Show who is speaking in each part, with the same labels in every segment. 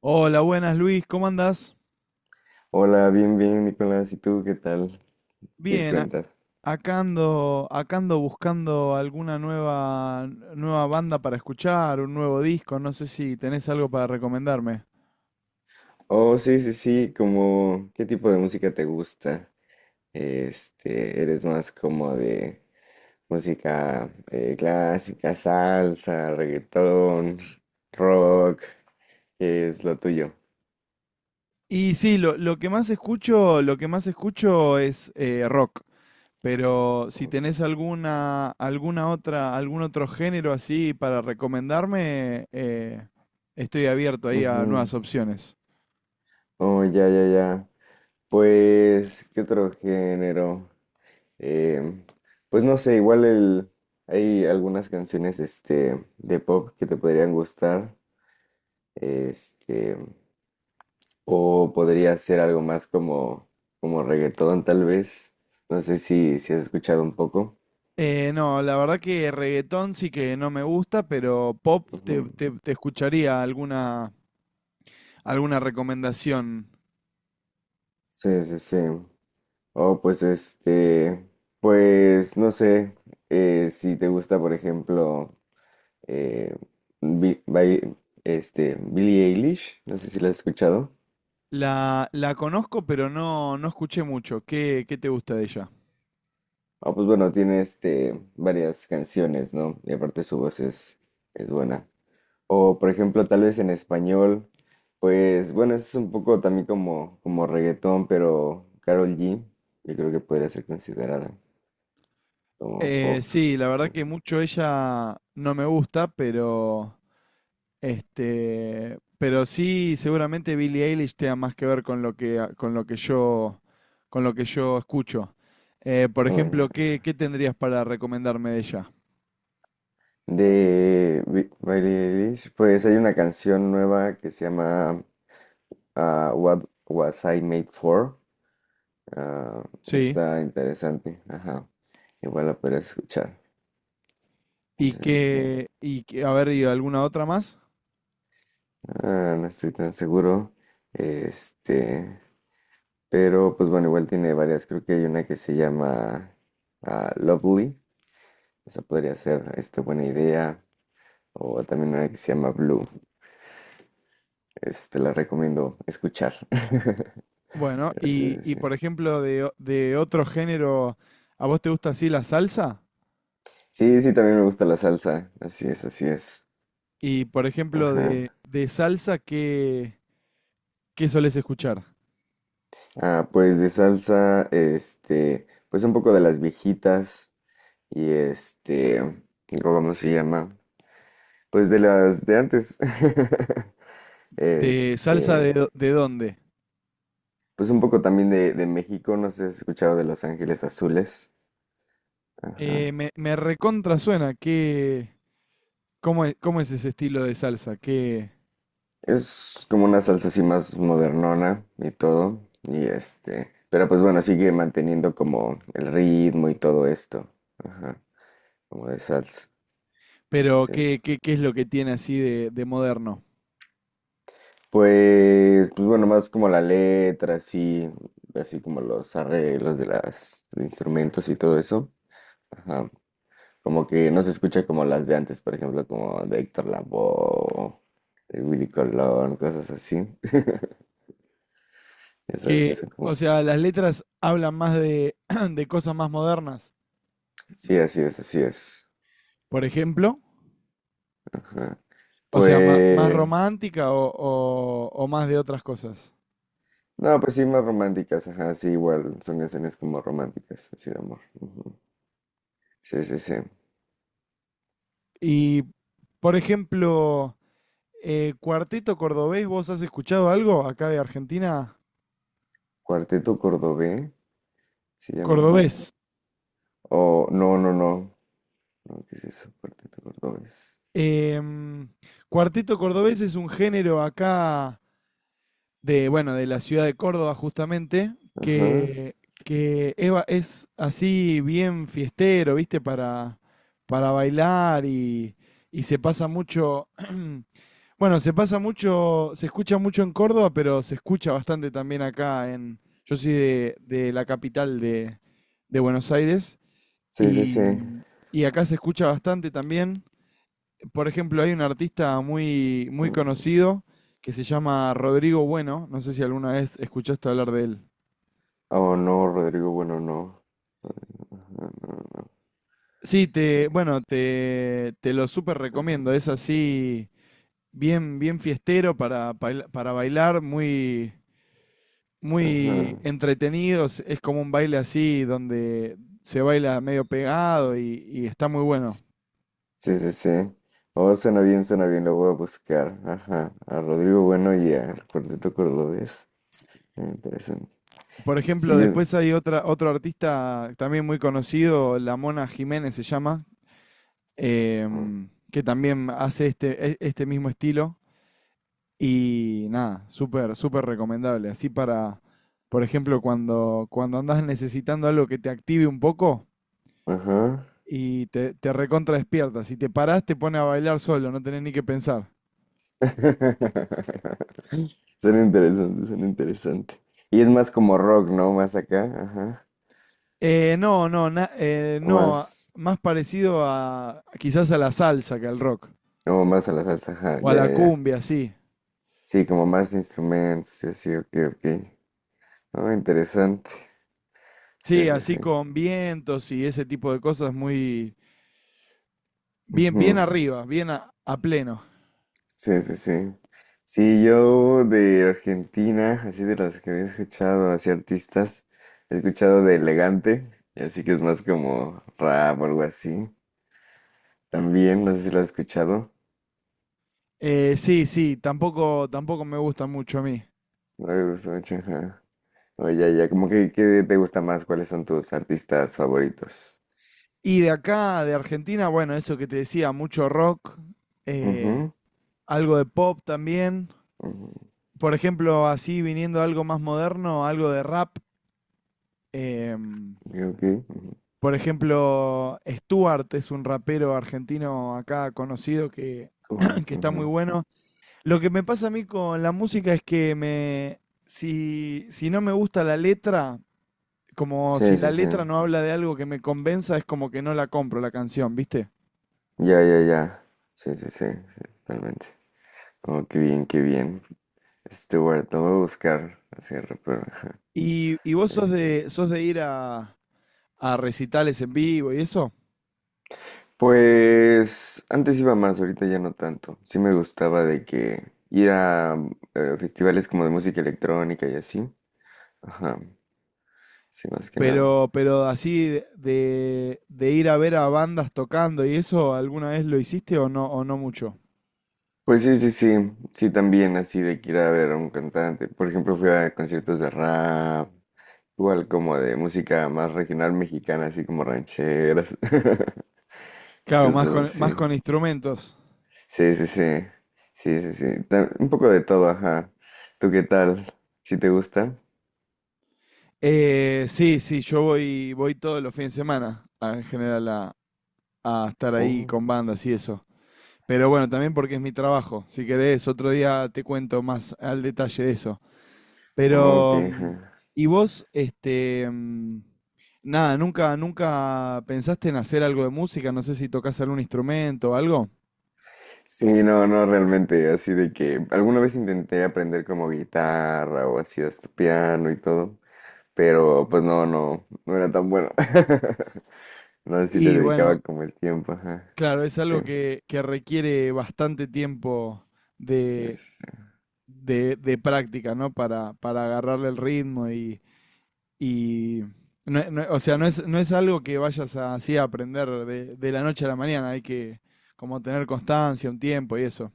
Speaker 1: Hola, buenas Luis, ¿cómo andás?
Speaker 2: Hola, bien, bien, Nicolás. ¿Y tú qué tal? ¿Qué
Speaker 1: Bien,
Speaker 2: cuentas?
Speaker 1: acá ando buscando alguna nueva, nueva banda para escuchar, un nuevo disco, no sé si tenés algo para recomendarme.
Speaker 2: Oh, sí, sí, sí, ¿qué tipo de música te gusta? ¿Eres más como de música clásica, salsa, reggaetón, rock? ¿Qué es lo tuyo?
Speaker 1: Y sí, lo que más escucho, lo que más escucho es rock, pero si
Speaker 2: Oh,
Speaker 1: tenés alguna, alguna otra, algún otro género así para recomendarme, estoy abierto ahí a
Speaker 2: ujú.
Speaker 1: nuevas opciones.
Speaker 2: Oh, ya, ya, ya. Pues, ¿qué otro género? Em, pues no sé, hay algunas canciones de pop que te podrían gustar. Este, o podría ser algo más como reggaetón, tal vez. No sé si has escuchado un poco.
Speaker 1: No, la verdad que reggaetón sí que no me gusta, pero pop
Speaker 2: Ujú.
Speaker 1: te, te escucharía alguna, alguna recomendación.
Speaker 2: Sí, sí, sí. Oh, pues pues no sé si te gusta, por ejemplo, eh, Bi- Bai- Billie Eilish, no sé si la has escuchado.
Speaker 1: La conozco, pero no, no escuché mucho. ¿Qué, qué te gusta de ella?
Speaker 2: Ah, pues bueno, tiene varias canciones, ¿no? Y aparte su voz es buena. O, por ejemplo, tal vez en español, pues bueno, eso es un poco también como reggaetón, pero Karol G, yo creo que podría ser considerada como pop.
Speaker 1: Sí, la verdad
Speaker 2: eh,
Speaker 1: que mucho ella no me gusta, pero este, pero sí, seguramente Billie Eilish tenga más que ver con lo que, con lo que yo, con lo que yo escucho. Por
Speaker 2: bueno.
Speaker 1: ejemplo, ¿qué, qué tendrías para recomendarme de ella?
Speaker 2: De Billie Eilish, pues hay una canción nueva que se llama What Was I Made For. Ah,
Speaker 1: Sí.
Speaker 2: está interesante, ajá. Igual la podría escuchar. Sí, sí, sí.
Speaker 1: Y que, a ver, ¿y alguna otra más?
Speaker 2: Ah, no estoy tan seguro. Este. Pero pues bueno, igual tiene varias. Creo que hay una que se llama Lovely. Esa podría ser buena idea. O también una que se llama Blue. La recomiendo escuchar.
Speaker 1: Bueno,
Speaker 2: Pero sí, sí,
Speaker 1: y
Speaker 2: sí.
Speaker 1: por ejemplo, de, de otro género, ¿a vos te gusta así la salsa?
Speaker 2: Sí, sí, también me gusta la salsa. Así es, así es.
Speaker 1: Y por ejemplo,
Speaker 2: Ajá.
Speaker 1: de salsa, ¿qué, qué solés escuchar?
Speaker 2: Ah, pues de salsa, pues un poco de las viejitas. Y digo, ¿cómo se llama? Pues de las de antes.
Speaker 1: ¿De salsa de,
Speaker 2: Este.
Speaker 1: de dónde?
Speaker 2: Pues un poco también de México, no sé si has escuchado de Los Ángeles Azules. Ajá.
Speaker 1: Me, me recontra suena, ¿qué, cómo es ese estilo de salsa? ¿Qué,
Speaker 2: Es como una salsa así más modernona y todo. Y pero pues bueno, sigue manteniendo como el ritmo y todo esto. Ajá. Como de salsa.
Speaker 1: pero
Speaker 2: Sí, sí.
Speaker 1: qué, qué, qué es lo que tiene así de moderno?
Speaker 2: Pues, pues bueno, más como la letra, así, así como los arreglos de los instrumentos y todo eso. Ajá. Como que no se escucha como las de antes, por ejemplo, como de Héctor Lavoe, de Willy Colón, cosas así. Ya sabes que
Speaker 1: Que,
Speaker 2: son
Speaker 1: o
Speaker 2: como...
Speaker 1: sea, las letras hablan más de, de cosas más modernas,
Speaker 2: Sí, así es, así es.
Speaker 1: por ejemplo.
Speaker 2: Ajá.
Speaker 1: O sea, más
Speaker 2: Pues...
Speaker 1: romántica o, o más de otras cosas.
Speaker 2: No, pues sí, más románticas, ajá, sí, igual, son canciones como románticas, así de amor. Ujú. Sí, sí, sí.
Speaker 1: Y, por ejemplo, Cuarteto Cordobés, ¿vos has escuchado algo acá de Argentina?
Speaker 2: Cuarteto Cordobés, se llama, ajá.
Speaker 1: Cordobés.
Speaker 2: O, no, no, no. No, ¿qué es eso? Cuarteto Cordobés.
Speaker 1: Em, Cuarteto Cordobés es un género acá de, bueno, de la ciudad de Córdoba justamente,
Speaker 2: Ajá.
Speaker 1: que Eva es así bien fiestero, ¿viste? Para bailar y se pasa mucho, bueno, se pasa mucho, se escucha mucho en Córdoba, pero se escucha bastante también acá en, yo soy de la capital de Buenos Aires
Speaker 2: Sí, sí, sí.
Speaker 1: y, y acá se escucha bastante también. Por ejemplo, hay un artista muy, muy
Speaker 2: Mm.
Speaker 1: conocido que se llama Rodrigo Bueno. No sé si alguna vez escuchaste hablar de él.
Speaker 2: Oh, no, Rodrigo, bueno, no. Ajá, no, no,
Speaker 1: Sí, te,
Speaker 2: ok,
Speaker 1: bueno, te lo súper recomiendo. Es así, bien, bien fiestero para, para bailar, muy, muy
Speaker 2: ajá.
Speaker 1: entretenido. Es como un baile así donde se baila medio pegado y está muy bueno.
Speaker 2: Sí, sí, sí. Oh, suena bien, lo voy a buscar. Ajá, a Rodrigo Bueno y a El Cuarteto Cordobés. Interesante.
Speaker 1: Por
Speaker 2: Sí,
Speaker 1: ejemplo,
Speaker 2: yo.
Speaker 1: después hay otra, otro artista también muy conocido, La Mona Jiménez se llama que también hace este, este mismo estilo. Y nada, súper, súper recomendable. Así para, por ejemplo, cuando, cuando andás necesitando algo que te active un poco
Speaker 2: Ajá.
Speaker 1: y te recontra despierta. Si te parás, te pone a bailar solo, no tenés ni que pensar.
Speaker 2: Suena interesante, suena interesante. Y es más como rock, ¿no? Más acá, ajá.
Speaker 1: No, no, no,
Speaker 2: Más,
Speaker 1: más parecido a quizás a la salsa que al rock.
Speaker 2: no, más a la salsa, ajá,
Speaker 1: O a
Speaker 2: ya,
Speaker 1: la
Speaker 2: ya, ya.
Speaker 1: cumbia, sí.
Speaker 2: Sí, como más instrumentos, sí, sí, ok, ok. Oh, interesante. Sí,
Speaker 1: Sí,
Speaker 2: sí,
Speaker 1: así
Speaker 2: sí.
Speaker 1: con vientos y ese tipo de cosas muy bien, bien
Speaker 2: Ujú,
Speaker 1: arriba, bien a pleno.
Speaker 2: sí, sí, sí. Sí, yo de Argentina, así de las que había escuchado, así artistas, he escuchado de Elegante, y así que es más como rap o algo así. También, no sé si lo has escuchado.
Speaker 1: Sí, sí, tampoco, tampoco me gusta mucho a mí.
Speaker 2: No me gusta mucho, ajá. Oye, ya, como que, ¿qué te gusta más? ¿Cuáles son tus artistas favoritos?
Speaker 1: Y de acá, de Argentina, bueno, eso que te decía, mucho rock, eh,
Speaker 2: Ujú,
Speaker 1: algo de pop también.
Speaker 2: ujú,
Speaker 1: Por ejemplo, así viniendo a algo más moderno, algo de rap. em,
Speaker 2: y ok, ujú,
Speaker 1: por ejemplo, Stuart es un rapero argentino acá conocido que,
Speaker 2: cool,
Speaker 1: que está muy
Speaker 2: ujú.
Speaker 1: bueno. Lo que me pasa a mí con la música es que me, si, si no me gusta la letra, como si
Speaker 2: Sí, sí,
Speaker 1: la
Speaker 2: sí.
Speaker 1: letra no habla de algo que me convenza, es como que no la compro la canción, ¿viste?
Speaker 2: Ya, ya, ya. Sí, sí, sí, sí, totalmente. Oh, qué bien, qué bien. Stewart, lo voy a buscar hacia pero ajá,
Speaker 1: Y vos
Speaker 2: déjenme ver.
Speaker 1: sos de ir a recitales en vivo y eso,
Speaker 2: Pues antes iba más, ahorita ya no tanto. Sí me gustaba de que ir a festivales como de música electrónica y así. Ajá, sí, más que nada.
Speaker 1: pero así de, de ir a ver a bandas tocando y eso, ¿alguna vez lo hiciste o no mucho?
Speaker 2: Pues sí, sí, sí, sí, también así de que ir a ver a un cantante. Por ejemplo, fui a conciertos de rap, igual como de música más regional mexicana, así como rancheras,
Speaker 1: Claro,
Speaker 2: cosas
Speaker 1: más
Speaker 2: así.
Speaker 1: con instrumentos.
Speaker 2: Sí, sí, sí. Sí, sí, sí. Un poco de todo, ajá. ¿Tú qué tal? ¿Sí te gusta?
Speaker 1: Sí, sí, yo voy, voy todos los fines de semana en general a estar ahí
Speaker 2: Oh,
Speaker 1: con bandas y eso. Pero bueno, también porque es mi trabajo. Si querés, otro día te cuento más al detalle de eso.
Speaker 2: oh, ok,
Speaker 1: Pero,
Speaker 2: ajá.
Speaker 1: ¿y vos, este, nada, nunca, nunca pensaste en hacer algo de música? No sé si tocas algún instrumento o algo.
Speaker 2: Sí, no, no, realmente, así de que alguna vez intenté aprender como guitarra o así hasta piano y todo, pero pues no, no, no era tan bueno. No, sí le
Speaker 1: Y bueno,
Speaker 2: dedicaba como el tiempo, ajá.
Speaker 1: claro, es
Speaker 2: Sí,
Speaker 1: algo que requiere bastante tiempo
Speaker 2: sí,
Speaker 1: de,
Speaker 2: sí.
Speaker 1: de práctica, ¿no? Para agarrarle el ritmo Y, o sea, no es, no es algo que vayas así a aprender de la noche a la mañana. Hay que como tener constancia, un tiempo y eso.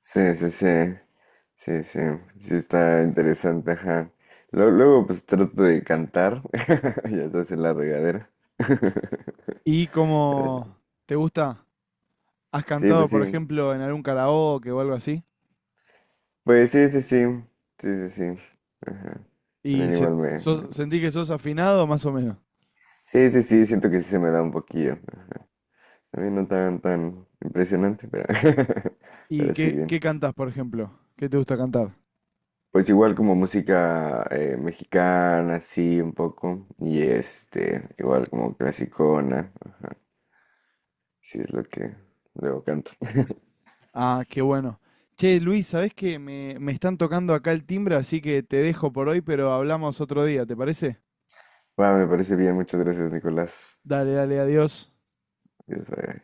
Speaker 2: Sí, sí, sí, sí. Sí, sí, sí está interesante, ajá. Luego, luego, pues trato de cantar, ya sabes, en la regadera. Pero
Speaker 1: ¿Y
Speaker 2: sí,
Speaker 1: cómo te gusta? ¿Has
Speaker 2: sí,
Speaker 1: cantado,
Speaker 2: pues sí,
Speaker 1: por ejemplo, en algún karaoke o algo así?
Speaker 2: pues sí, sí, sí, sí, sí, sí, ajá.
Speaker 1: ¿Y
Speaker 2: También igual me... bueno.
Speaker 1: sentís que sos afinado más o menos?
Speaker 2: Sí, sí, sí, siento que sí se me da un poquillo, ajá. También no tan, tan impresionante, pero,
Speaker 1: ¿Y
Speaker 2: pero sí
Speaker 1: qué,
Speaker 2: bien.
Speaker 1: qué cantás, por ejemplo? ¿Qué te gusta cantar?
Speaker 2: Pues igual como música mexicana, sí, un poco, y igual como clasicona. Sí, es lo que luego canto.
Speaker 1: Ah, qué bueno. Che, Luis, ¿sabés que me están tocando acá el timbre, así que te dejo por hoy, pero hablamos otro día, ¿te parece?
Speaker 2: Va, me parece bien. Muchas gracias, Nicolás.
Speaker 1: Dale, dale, adiós.
Speaker 2: Adiós, bye.